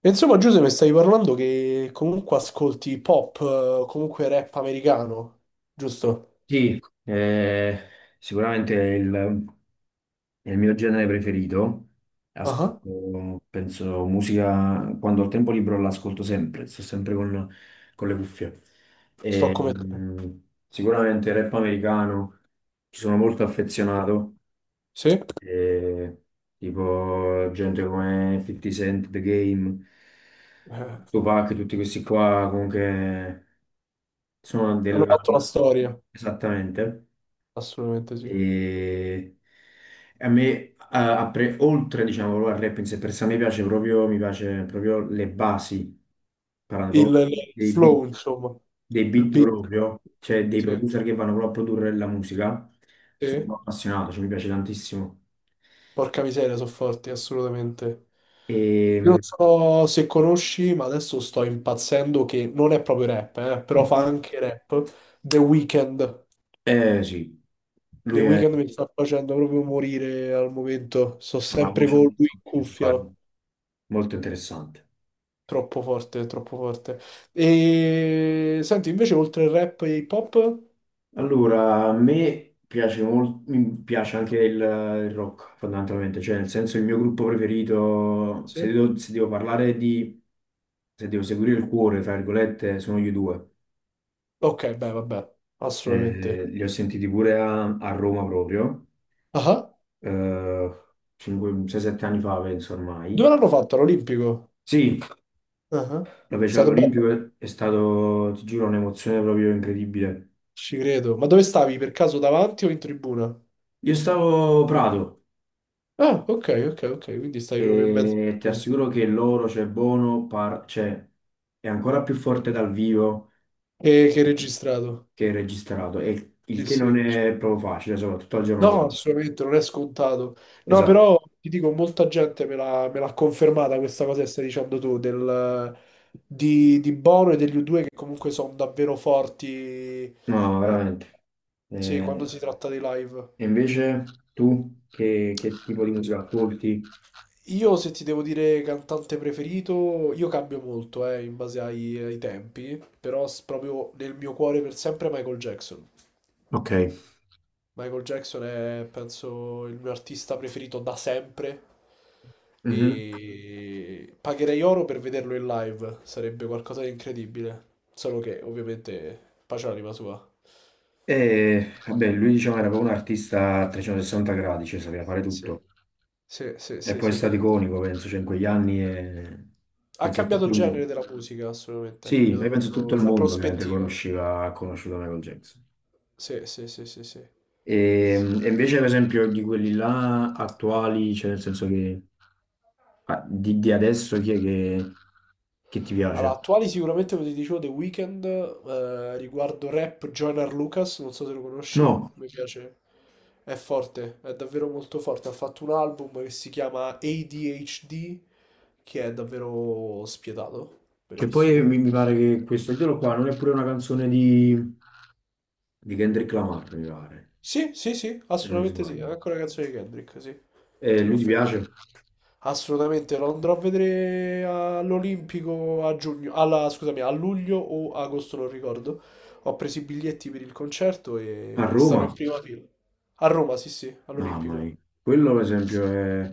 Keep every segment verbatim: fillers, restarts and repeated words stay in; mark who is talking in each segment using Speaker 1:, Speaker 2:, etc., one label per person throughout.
Speaker 1: E insomma, Giuseppe, stavi parlando che comunque ascolti pop, eh, comunque rap americano, giusto?
Speaker 2: Sì, eh, sicuramente è il, è il mio genere preferito.
Speaker 1: Ah,
Speaker 2: Ascolto, penso, musica, quando ho tempo libero l'ascolto sempre, sto sempre con, con le cuffie.
Speaker 1: sto
Speaker 2: E,
Speaker 1: come te.
Speaker 2: mh, sicuramente rap americano, ci sono molto affezionato,
Speaker 1: Sì?
Speaker 2: e, tipo gente come fifty Cent, The Game,
Speaker 1: Eh,
Speaker 2: Tupac, tutti questi qua, comunque sono
Speaker 1: hanno
Speaker 2: della.
Speaker 1: fatto la storia,
Speaker 2: Esattamente.
Speaker 1: assolutamente sì.
Speaker 2: E a me, a- a pre- oltre, diciamo, proprio al rap in sé per sé, a me piace proprio, mi piace proprio le basi, parlando
Speaker 1: Il,
Speaker 2: proprio dei,
Speaker 1: il
Speaker 2: dei beat,
Speaker 1: flow, insomma,
Speaker 2: dei
Speaker 1: il
Speaker 2: beat
Speaker 1: beat,
Speaker 2: proprio, cioè dei
Speaker 1: sì.
Speaker 2: producer che vanno proprio a produrre la musica.
Speaker 1: Sì.
Speaker 2: Sono appassionato, cioè mi piace tantissimo.
Speaker 1: Porca miseria, sono forti, assolutamente. Io non
Speaker 2: E.
Speaker 1: so se conosci, ma adesso sto impazzendo che non è proprio rap, eh, però fa
Speaker 2: Mhm.
Speaker 1: anche rap. The Weeknd.
Speaker 2: Eh sì,
Speaker 1: The
Speaker 2: lui è
Speaker 1: Weeknd mi sta facendo proprio morire al momento. Sto
Speaker 2: una
Speaker 1: sempre
Speaker 2: voce
Speaker 1: con lui
Speaker 2: molto
Speaker 1: in cuffia,
Speaker 2: particolare,
Speaker 1: no?
Speaker 2: molto interessante.
Speaker 1: Troppo forte, troppo forte. E senti, invece, oltre il rap e hip hop?
Speaker 2: Allora, a me piace molto, mi piace anche il, il rock fondamentalmente, cioè nel senso il mio gruppo preferito,
Speaker 1: Sì.
Speaker 2: se devo, se devo parlare di, se devo seguire il cuore, tra virgolette, sono gli u due.
Speaker 1: Ok, beh, vabbè,
Speaker 2: Eh,
Speaker 1: assolutamente.
Speaker 2: li ho sentiti pure a, a Roma proprio,
Speaker 1: Ah,
Speaker 2: eh, sei sette anni fa penso
Speaker 1: dove
Speaker 2: ormai.
Speaker 1: l'hanno fatto? All'Olimpico?
Speaker 2: Sì,
Speaker 1: Ah, è
Speaker 2: la fece
Speaker 1: stato
Speaker 2: all'Olimpico,
Speaker 1: bello,
Speaker 2: è è stato, ti giuro, un'emozione proprio incredibile.
Speaker 1: ci credo. Ma dove stavi? Per caso davanti o in tribuna?
Speaker 2: Io stavo Prato.
Speaker 1: Ah, ok, ok, ok. Quindi stavi proprio in mezzo.
Speaker 2: E ti assicuro che loro, cioè Bono, par- cioè, è ancora più forte dal vivo
Speaker 1: E che hai registrato?
Speaker 2: che registrato, e il
Speaker 1: Sì,
Speaker 2: che
Speaker 1: sì.
Speaker 2: non è proprio facile, soprattutto al giorno
Speaker 1: No,
Speaker 2: d'oggi.
Speaker 1: assolutamente, non è scontato. No,
Speaker 2: Esatto,
Speaker 1: però ti dico, molta gente me l'ha me l'ha confermata questa cosa che stai dicendo tu, del, di, di Bono e degli u due che comunque sono davvero forti,
Speaker 2: no, veramente.
Speaker 1: sì, quando
Speaker 2: Eh,
Speaker 1: si tratta dei live.
Speaker 2: e invece tu che, che tipo di musica ascolti?
Speaker 1: Io, se ti devo dire cantante preferito, io cambio molto, eh, in base ai, ai tempi, però s- proprio nel mio cuore per sempre Michael Jackson.
Speaker 2: Ok.
Speaker 1: Michael Jackson è, penso, il mio artista preferito da sempre
Speaker 2: Mhm.
Speaker 1: e pagherei oro per vederlo in live, sarebbe qualcosa di incredibile, solo che ovviamente pace all'anima sua.
Speaker 2: E vabbè, lui diciamo era proprio un artista a trecentosessanta gradi, cioè sapeva fare
Speaker 1: Sì.
Speaker 2: tutto.
Speaker 1: Sì, sì,
Speaker 2: E
Speaker 1: sì,
Speaker 2: poi è
Speaker 1: sì,
Speaker 2: stato
Speaker 1: sì.
Speaker 2: iconico, penso, cioè in quegli anni e
Speaker 1: Ha
Speaker 2: penso che
Speaker 1: cambiato
Speaker 2: tutto
Speaker 1: il
Speaker 2: il mondo.
Speaker 1: genere della musica, assolutamente, ha
Speaker 2: Sì,
Speaker 1: cambiato
Speaker 2: io penso tutto il
Speaker 1: proprio la
Speaker 2: mondo ovviamente
Speaker 1: prospettiva.
Speaker 2: conosceva, ha conosciuto Michael Jackson.
Speaker 1: Sì, sì, sì, sì, sì.
Speaker 2: E, e invece, per esempio, di quelli là attuali, cioè nel senso che ah, di, di adesso chi è che, che ti
Speaker 1: Allora,
Speaker 2: piace?
Speaker 1: attuali sicuramente, come ti dicevo, The Weeknd, eh, riguardo rap, Joyner Lucas, non so se lo conosci,
Speaker 2: No,
Speaker 1: mi piace, è forte, è davvero molto forte, ha fatto un album che si chiama A D H D, che è davvero spietato,
Speaker 2: che poi
Speaker 1: bellissimo.
Speaker 2: mi, mi pare che questo titolo qua non è pure una canzone di, di Kendrick Lamar, mi pare,
Speaker 1: Sì, sì, sì,
Speaker 2: se non mi
Speaker 1: assolutamente sì, è
Speaker 2: sbaglio.
Speaker 1: anche una canzone di Kendrick, sì,
Speaker 2: E
Speaker 1: ti
Speaker 2: lui ti
Speaker 1: confermo.
Speaker 2: piace?
Speaker 1: Assolutamente lo andrò a vedere all'Olimpico a giugno, alla- scusami, a luglio o agosto, non ricordo. Ho preso i biglietti per il concerto
Speaker 2: A
Speaker 1: e sarò
Speaker 2: Roma?
Speaker 1: in prima fila. A Roma, sì, sì,
Speaker 2: Mamma
Speaker 1: all'Olimpico.
Speaker 2: mia, quello per esempio è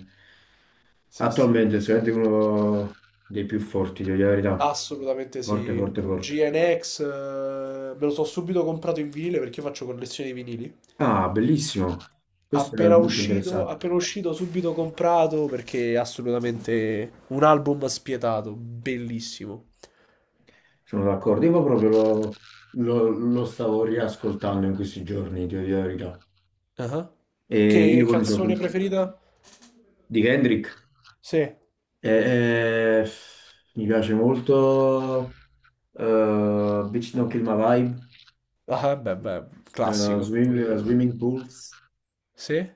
Speaker 1: Sì, sì,
Speaker 2: attualmente sicuramente uno dei più forti, devo dire la verità.
Speaker 1: assolutamente
Speaker 2: Forte,
Speaker 1: sì.
Speaker 2: forte,
Speaker 1: Con
Speaker 2: forte.
Speaker 1: G N X, eh, me lo so subito comprato in vinile perché io faccio collezione di vinili.
Speaker 2: Ah, bellissimo. Questo è
Speaker 1: Appena
Speaker 2: molto
Speaker 1: uscito,
Speaker 2: interessante.
Speaker 1: appena uscito, subito comprato perché è assolutamente un album spietato, bellissimo.
Speaker 2: Sono d'accordo. Io proprio lo, lo- lo stavo riascoltando in questi giorni, ti dico la verità.
Speaker 1: Ah.
Speaker 2: E
Speaker 1: Che
Speaker 2: io poi mi sono,
Speaker 1: canzone
Speaker 2: con-
Speaker 1: preferita?
Speaker 2: di Kendrick.
Speaker 1: Sì,
Speaker 2: E, eh, mi piace molto eh, Bitch Don't Kill My Vibe,
Speaker 1: ah, beh, beh,
Speaker 2: eh,
Speaker 1: classico,
Speaker 2: Swim-
Speaker 1: pure
Speaker 2: eh,
Speaker 1: quello.
Speaker 2: Swimming Pools.
Speaker 1: Sì?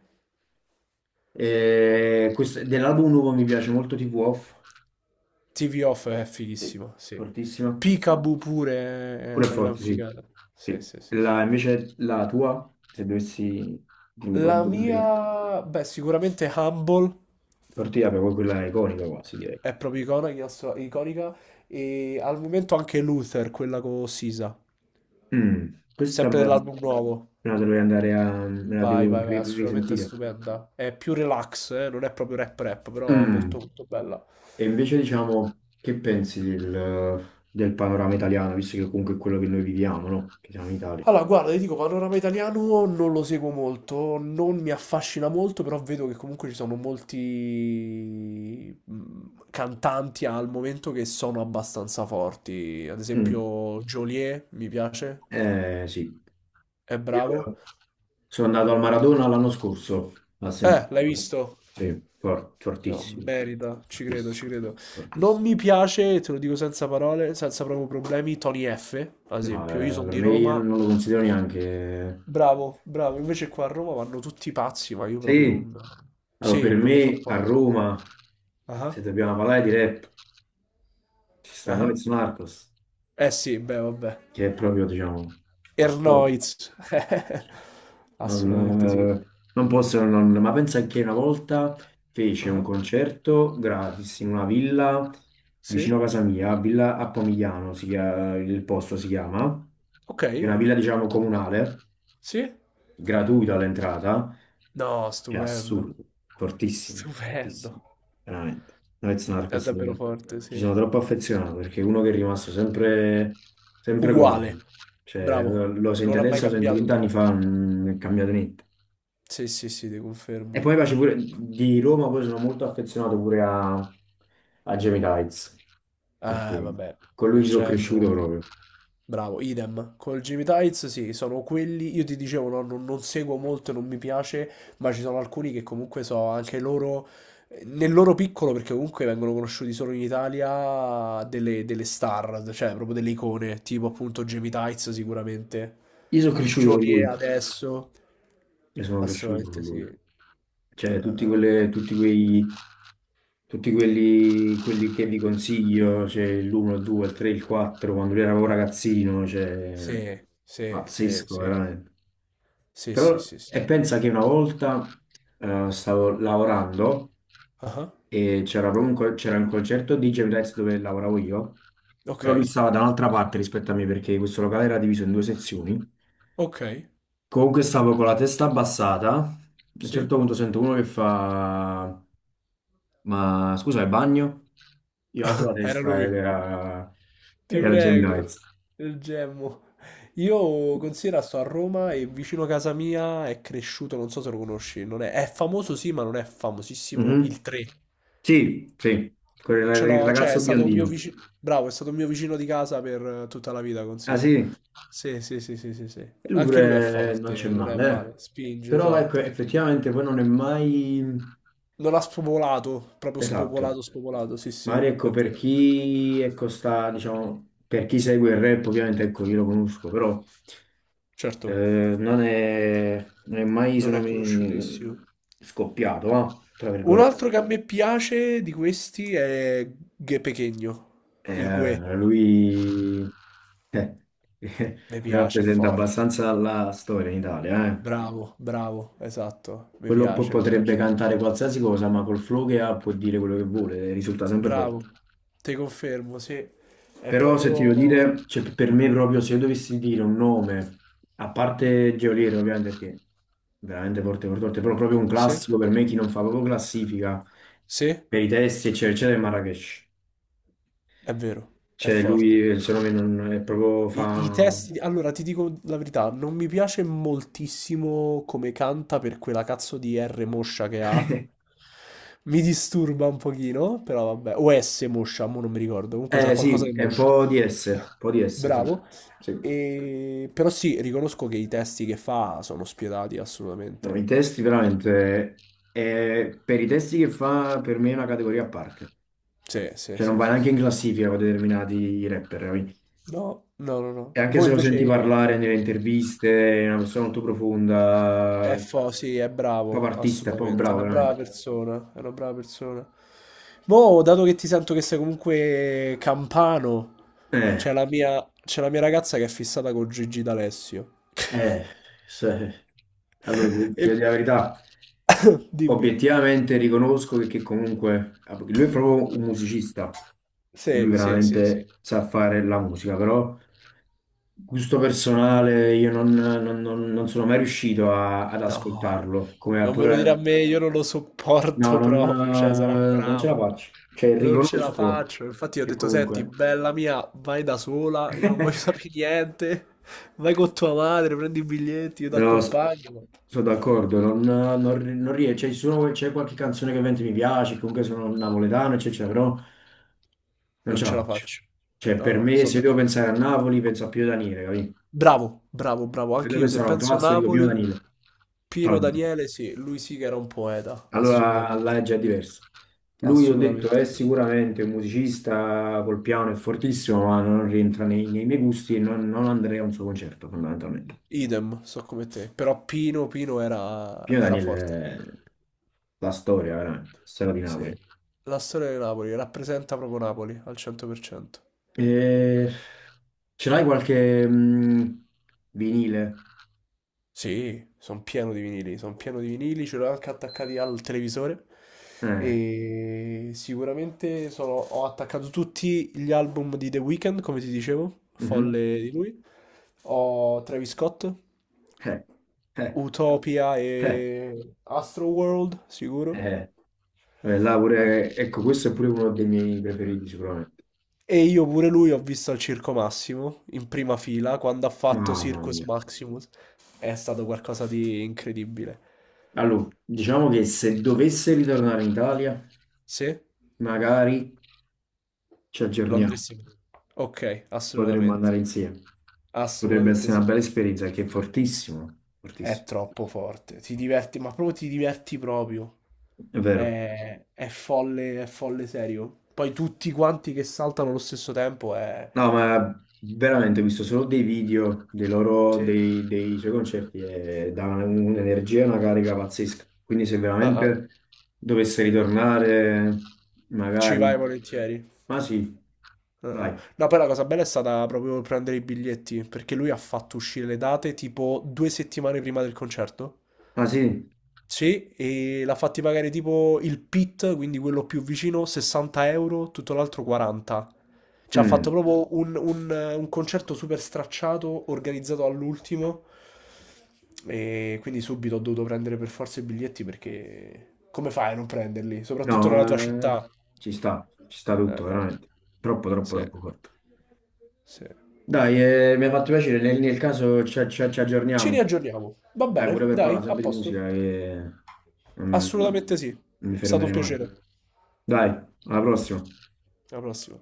Speaker 2: E questo- dell'album nuovo mi piace molto tivù Off.
Speaker 1: T V Off è
Speaker 2: Sì.
Speaker 1: fighissimo, sì.
Speaker 2: Fortissima.
Speaker 1: Peekaboo pure è
Speaker 2: Pure
Speaker 1: una gran
Speaker 2: forte, sì.
Speaker 1: figata. Sì,
Speaker 2: Sì.
Speaker 1: sì, sì, sì.
Speaker 2: La- invece la tua, se dovessi dirmi qual è il
Speaker 1: La
Speaker 2: tuo
Speaker 1: mia,
Speaker 2: preferito.
Speaker 1: beh, sicuramente Humble
Speaker 2: Tortilla proprio quella iconica quasi, direi.
Speaker 1: è proprio iconica, iconica, e al momento anche Luther, quella con Sisa,
Speaker 2: Mm, Questa
Speaker 1: sempre
Speaker 2: me la,
Speaker 1: dell'album
Speaker 2: me
Speaker 1: nuovo.
Speaker 2: la dovrei andare a, me la
Speaker 1: Vai,
Speaker 2: devo
Speaker 1: vai, vai,
Speaker 2: ri-
Speaker 1: assolutamente
Speaker 2: risentire.
Speaker 1: stupenda. È più relax, eh, non è proprio rap rap, però
Speaker 2: Mm,
Speaker 1: molto molto bella.
Speaker 2: E invece diciamo, che pensi del, del panorama italiano, visto che comunque è quello che noi viviamo, no? Che siamo in Italia.
Speaker 1: Allora, guarda, ti dico, panorama italiano non lo seguo molto, non mi affascina molto, però vedo che comunque ci sono molti mm, cantanti al momento che sono abbastanza forti. Ad
Speaker 2: Mm,
Speaker 1: esempio, Joliet mi piace,
Speaker 2: eh, sì.
Speaker 1: è
Speaker 2: Io-
Speaker 1: bravo.
Speaker 2: Sono andato al Maradona l'anno scorso a
Speaker 1: Eh, l'hai
Speaker 2: sentirlo.
Speaker 1: visto?
Speaker 2: Sì, for-
Speaker 1: No,
Speaker 2: fortissimo,
Speaker 1: merita, ci credo, ci
Speaker 2: fortissimo,
Speaker 1: credo. Non
Speaker 2: fortissimo.
Speaker 1: mi piace, te lo dico senza parole, senza proprio problemi, Tony F, ad
Speaker 2: No,
Speaker 1: esempio. Io
Speaker 2: eh,
Speaker 1: sono
Speaker 2: per
Speaker 1: di
Speaker 2: me io
Speaker 1: Roma,
Speaker 2: non non lo considero neanche.
Speaker 1: bravo, bravo. Invece qua a Roma vanno tutti pazzi, ma io proprio
Speaker 2: Sì,
Speaker 1: non...
Speaker 2: allora
Speaker 1: Sì,
Speaker 2: per
Speaker 1: non le
Speaker 2: me a
Speaker 1: sopporto.
Speaker 2: Roma,
Speaker 1: Ah,
Speaker 2: se dobbiamo parlare di rap, ci sta
Speaker 1: ah.
Speaker 2: Noyz Narcos,
Speaker 1: Eh sì, beh, vabbè.
Speaker 2: che è proprio, diciamo, la storia.
Speaker 1: Ernoiz.
Speaker 2: Non,
Speaker 1: Assolutamente sì.
Speaker 2: eh, non posso non, ma pensa che una volta fece un
Speaker 1: Ah,
Speaker 2: concerto gratis in una villa vicino a
Speaker 1: sì?
Speaker 2: casa mia, Villa Appomigliano, si chia- il posto si chiama, è
Speaker 1: Ok?
Speaker 2: una villa diciamo comunale,
Speaker 1: Sì?
Speaker 2: gratuita all'entrata,
Speaker 1: No,
Speaker 2: è
Speaker 1: stupendo.
Speaker 2: assurdo, fortissimo, fortissimo,
Speaker 1: Stupendo.
Speaker 2: veramente. Noyz
Speaker 1: È
Speaker 2: Narcos,
Speaker 1: davvero
Speaker 2: eh,
Speaker 1: forte,
Speaker 2: ci
Speaker 1: sì.
Speaker 2: sono troppo affezionato perché è uno che è rimasto sempre, sempre
Speaker 1: Uguale.
Speaker 2: uguale, cioè,
Speaker 1: Bravo.
Speaker 2: lo lo senti
Speaker 1: Non ha mai
Speaker 2: adesso, lo senti
Speaker 1: cambiato
Speaker 2: vent'anni
Speaker 1: troppo.
Speaker 2: fa, non è cambiato niente.
Speaker 1: Sì, sì, sì, ti
Speaker 2: E
Speaker 1: confermo.
Speaker 2: poi mi piace pure di Roma, poi sono molto affezionato pure a, a Jamie Tides,
Speaker 1: Eh,
Speaker 2: perché
Speaker 1: vabbè,
Speaker 2: con lui
Speaker 1: il
Speaker 2: ci sono
Speaker 1: Genoa.
Speaker 2: cresciuto proprio.
Speaker 1: Bravo, idem. Col Jimmy Tights, sì, sono quelli. Io ti dicevo, no, non, non seguo molto, non mi piace, ma ci sono alcuni che comunque so anche loro, eh, nel loro piccolo, perché comunque vengono conosciuti solo in Italia, delle, delle star, cioè proprio delle icone, tipo appunto Jimmy Tights sicuramente.
Speaker 2: Io sono cresciuto con
Speaker 1: Johnny
Speaker 2: lui,
Speaker 1: adesso.
Speaker 2: io sono cresciuto con
Speaker 1: Assolutamente sì. Eh,
Speaker 2: lui.
Speaker 1: eh,
Speaker 2: Cioè, tutti,
Speaker 1: eh.
Speaker 2: quelle, tutti, quei, tutti quelli, quelli che vi consiglio, cioè l'uno, il due, il tre, il quattro, quando lui era proprio ragazzino, cioè,
Speaker 1: Sì, sì, sì,
Speaker 2: pazzesco,
Speaker 1: sì.
Speaker 2: veramente.
Speaker 1: Sì, sì,
Speaker 2: Però,
Speaker 1: sì, sì.
Speaker 2: e pensa che una volta eh, stavo lavorando.
Speaker 1: Ah,
Speaker 2: E c'era proprio un, co- c'era un concerto di Jamie Tights dove lavoravo io,
Speaker 1: ok.
Speaker 2: però lui stava da un'altra parte rispetto a me perché questo locale era diviso in due sezioni.
Speaker 1: Ok,
Speaker 2: Comunque stavo con la testa abbassata, a un
Speaker 1: sì,
Speaker 2: certo punto sento uno che fa ma scusa, è bagno? Io alzo la
Speaker 1: era
Speaker 2: testa ed
Speaker 1: lui.
Speaker 2: era,
Speaker 1: Ti
Speaker 2: era Jamie
Speaker 1: prego,
Speaker 2: Tights.
Speaker 1: il gemmo. Io considero sto a Roma e vicino a casa mia è cresciuto, non so se lo conosci, non è, è famoso sì, ma non è famosissimo
Speaker 2: Mhm.
Speaker 1: il tre.
Speaker 2: Sì, sì, quel
Speaker 1: Ce
Speaker 2: ra- il
Speaker 1: l'ho, cioè è
Speaker 2: ragazzo
Speaker 1: stato un mio
Speaker 2: biondino.
Speaker 1: vicino, bravo, è stato un mio vicino di casa per eh, tutta la vita,
Speaker 2: Ah
Speaker 1: considera.
Speaker 2: sì,
Speaker 1: Sì, sì, sì, sì, sì, sì.
Speaker 2: e lui
Speaker 1: Anche lui è
Speaker 2: pure non c'è
Speaker 1: forte, non è
Speaker 2: male, eh.
Speaker 1: male, spinge,
Speaker 2: Però ecco,
Speaker 1: esatto.
Speaker 2: effettivamente poi non è mai.
Speaker 1: Non ha spopolato, proprio
Speaker 2: Esatto,
Speaker 1: spopolato, spopolato, sì, sì,
Speaker 2: Mario, ecco,
Speaker 1: è
Speaker 2: per
Speaker 1: vero.
Speaker 2: chi ecco, sta, diciamo, per chi segue il rap, ovviamente, ecco, io lo conosco, però
Speaker 1: Certo,
Speaker 2: eh, non è, non è mai,
Speaker 1: non
Speaker 2: sono
Speaker 1: è
Speaker 2: mai
Speaker 1: conosciutissimo.
Speaker 2: scoppiato, va, tra
Speaker 1: Un
Speaker 2: virgolette.
Speaker 1: altro che a me piace di questi è Gue Pequeno, il Gue.
Speaker 2: Eh, lui eh,
Speaker 1: Mi piace, è
Speaker 2: rappresenta
Speaker 1: forte.
Speaker 2: abbastanza la storia in Italia, eh.
Speaker 1: Bravo, bravo, esatto. Mi
Speaker 2: Quello po-
Speaker 1: piace, mi
Speaker 2: potrebbe
Speaker 1: piace.
Speaker 2: cantare qualsiasi cosa, ma col flow che ha può dire quello che vuole, risulta sempre
Speaker 1: Bravo.
Speaker 2: forte.
Speaker 1: Te confermo, sì. È
Speaker 2: Però se ti
Speaker 1: proprio...
Speaker 2: devo dire, cioè, per me proprio se io dovessi dire un nome, a parte Geolier ovviamente perché è veramente forte, forte, forte, però proprio un
Speaker 1: Sì,
Speaker 2: classico per me chi non fa proprio classifica
Speaker 1: sì, è
Speaker 2: per i testi eccetera eccetera è Marrakesh.
Speaker 1: vero, è
Speaker 2: Cioè lui
Speaker 1: forte.
Speaker 2: il suo nome non è proprio
Speaker 1: I, i
Speaker 2: fa.
Speaker 1: testi, allora ti dico la verità, non mi piace moltissimo come canta per quella cazzo di R moscia che ha. Mi disturba un pochino, però vabbè. O S moscia, mo non mi ricordo. Comunque c'ha
Speaker 2: Eh
Speaker 1: qualcosa
Speaker 2: sì,
Speaker 1: di
Speaker 2: è un
Speaker 1: moscio.
Speaker 2: po' di S, un po' di S, sì.
Speaker 1: Bravo.
Speaker 2: Sì.
Speaker 1: E... però sì, riconosco che i testi che fa sono spietati
Speaker 2: No, i
Speaker 1: assolutamente.
Speaker 2: testi veramente, è- per i testi che fa per me è una categoria a parte.
Speaker 1: Sì, sì,
Speaker 2: Cioè non
Speaker 1: sì,
Speaker 2: va
Speaker 1: sì,
Speaker 2: neanche
Speaker 1: sì.
Speaker 2: in classifica con determinati rapper.
Speaker 1: No, no, no, no.
Speaker 2: E anche
Speaker 1: Mo
Speaker 2: se lo senti
Speaker 1: invece...
Speaker 2: parlare nelle interviste, è una persona molto
Speaker 1: È
Speaker 2: profonda,
Speaker 1: fo, sì, è
Speaker 2: proprio
Speaker 1: bravo,
Speaker 2: artista, proprio
Speaker 1: assolutamente. È
Speaker 2: bravo,
Speaker 1: una brava
Speaker 2: veramente.
Speaker 1: persona, è una brava persona. Mo, dato che ti sento che sei comunque campano, c'è
Speaker 2: Eh,
Speaker 1: la mia, c'è la mia ragazza che è fissata con Gigi D'Alessio.
Speaker 2: eh, se- allora, ti
Speaker 1: E
Speaker 2: ti dico la verità,
Speaker 1: Mm. dimmi.
Speaker 2: obiettivamente riconosco che, che comunque lui è proprio un musicista, lui
Speaker 1: Sì, sì, sì, sì.
Speaker 2: veramente sa fare la musica, però gusto personale io non, non- non- non sono mai riuscito a- ad
Speaker 1: No,
Speaker 2: ascoltarlo, come a
Speaker 1: non me lo dire a
Speaker 2: pure.
Speaker 1: me, io non lo
Speaker 2: No,
Speaker 1: sopporto
Speaker 2: non,
Speaker 1: proprio, cioè, sarà
Speaker 2: eh, non ce la
Speaker 1: bravo.
Speaker 2: faccio, cioè
Speaker 1: Non ce la
Speaker 2: riconosco
Speaker 1: faccio. Infatti, io ho
Speaker 2: che
Speaker 1: detto: senti,
Speaker 2: comunque.
Speaker 1: bella mia, vai da sola. Io non voglio sapere niente. Vai con tua madre, prendi i biglietti, io ti
Speaker 2: No, s-
Speaker 1: accompagno.
Speaker 2: sono
Speaker 1: No, no,
Speaker 2: d'accordo, non, non, non rie- C'è solo- c'è qualche canzone che ovviamente mi piace, comunque sono napoletano, eccetera, però non
Speaker 1: non
Speaker 2: ce la
Speaker 1: ce la
Speaker 2: faccio.
Speaker 1: faccio.
Speaker 2: Cioè,
Speaker 1: No,
Speaker 2: per
Speaker 1: no,
Speaker 2: me,
Speaker 1: sono
Speaker 2: se devo
Speaker 1: d'accordo.
Speaker 2: pensare a Napoli, penso a Pio Daniele, capì?
Speaker 1: Bravo, bravo, bravo.
Speaker 2: Se
Speaker 1: Anche
Speaker 2: devo
Speaker 1: io, se
Speaker 2: pensare a un
Speaker 1: penso
Speaker 2: classico, dico Pio
Speaker 1: Napoli,
Speaker 2: Daniele, tutta la
Speaker 1: Pino
Speaker 2: vita.
Speaker 1: Daniele, sì, lui sì che era un poeta.
Speaker 2: Allora
Speaker 1: Assolutamente,
Speaker 2: là è già diverso. Lui, ho detto, è
Speaker 1: assolutamente sì.
Speaker 2: sicuramente un musicista col piano, è fortissimo, ma non rientra nei, nei miei gusti e non, non andrei a un suo concerto, fondamentalmente.
Speaker 1: Idem, so come te. Però Pino, Pino era,
Speaker 2: Pio
Speaker 1: era
Speaker 2: Daniele
Speaker 1: forte.
Speaker 2: è la storia, veramente, storia di
Speaker 1: Sì,
Speaker 2: Napoli.
Speaker 1: la storia di Napoli rappresenta proprio Napoli al cento per cento.
Speaker 2: Eh, Ce l'hai qualche mh, vinile?
Speaker 1: Sì, sono pieno di vinili, sono pieno di vinili, ce l'ho anche attaccati al televisore
Speaker 2: Eh,
Speaker 1: e sicuramente sono- ho attaccato tutti gli album di The Weeknd, come ti dicevo,
Speaker 2: mhm.
Speaker 1: folle di lui. Ho Travis Scott,
Speaker 2: Eh, eh,
Speaker 1: Utopia
Speaker 2: eh,
Speaker 1: e Astroworld, sicuro.
Speaker 2: eh. Eh, là pure- ecco, questo è pure uno dei miei preferiti sicuramente.
Speaker 1: E io pure lui ho visto al Circo Massimo, in prima fila, quando ha fatto
Speaker 2: Mamma
Speaker 1: Circus
Speaker 2: mia.
Speaker 1: Maximus. È stato qualcosa di incredibile.
Speaker 2: Allora, diciamo che se dovesse ritornare in Italia,
Speaker 1: Sì?
Speaker 2: magari ci aggiorniamo,
Speaker 1: Londrissimo. Ok,
Speaker 2: potremmo
Speaker 1: assolutamente.
Speaker 2: andare insieme. Potrebbe
Speaker 1: Assolutamente
Speaker 2: essere
Speaker 1: sì.
Speaker 2: una bella esperienza, che è fortissimo,
Speaker 1: È
Speaker 2: fortissimo.
Speaker 1: troppo forte. Ti diverti, ma proprio ti diverti proprio.
Speaker 2: È vero.
Speaker 1: È, è folle, è folle serio. Poi tutti quanti che saltano allo stesso tempo è...
Speaker 2: No, ma veramente ho visto solo dei video dei loro,
Speaker 1: Sì.
Speaker 2: dei, dei suoi concerti e dà un'energia e una carica pazzesca. Quindi se
Speaker 1: Ah, ah.
Speaker 2: veramente dovesse ritornare,
Speaker 1: Ci
Speaker 2: magari.
Speaker 1: vai volentieri.
Speaker 2: Ma sì,
Speaker 1: Ah, ah.
Speaker 2: dai.
Speaker 1: No, poi la cosa bella è stata proprio prendere i biglietti, perché lui ha fatto uscire le date tipo due settimane prima del concerto.
Speaker 2: Ma sì?
Speaker 1: Sì, e l'ha fatti pagare tipo il pit, quindi quello più vicino, sessanta euro, tutto l'altro quaranta. Ci ha fatto
Speaker 2: Mm.
Speaker 1: proprio un, un- eh, un concerto super stracciato, organizzato all'ultimo. E quindi subito ho dovuto prendere per forza i biglietti perché come fai a non prenderli? Soprattutto
Speaker 2: No,
Speaker 1: nella tua
Speaker 2: eh,
Speaker 1: città.
Speaker 2: ci sta, ci sta tutto, veramente. Troppo, troppo,
Speaker 1: Sì,
Speaker 2: troppo forte.
Speaker 1: sì.
Speaker 2: Dai, eh, mi ha fatto piacere, nel, nel caso ci, ci- ci
Speaker 1: Ci
Speaker 2: aggiorniamo.
Speaker 1: riaggiorniamo. Va
Speaker 2: Dai, pure
Speaker 1: bene,
Speaker 2: per
Speaker 1: dai,
Speaker 2: parlare
Speaker 1: a
Speaker 2: sempre di musica,
Speaker 1: posto.
Speaker 2: che non
Speaker 1: Assolutamente sì. È
Speaker 2: non mi
Speaker 1: stato un
Speaker 2: fermerei mai.
Speaker 1: piacere.
Speaker 2: Dai, alla prossima.
Speaker 1: Alla prossima.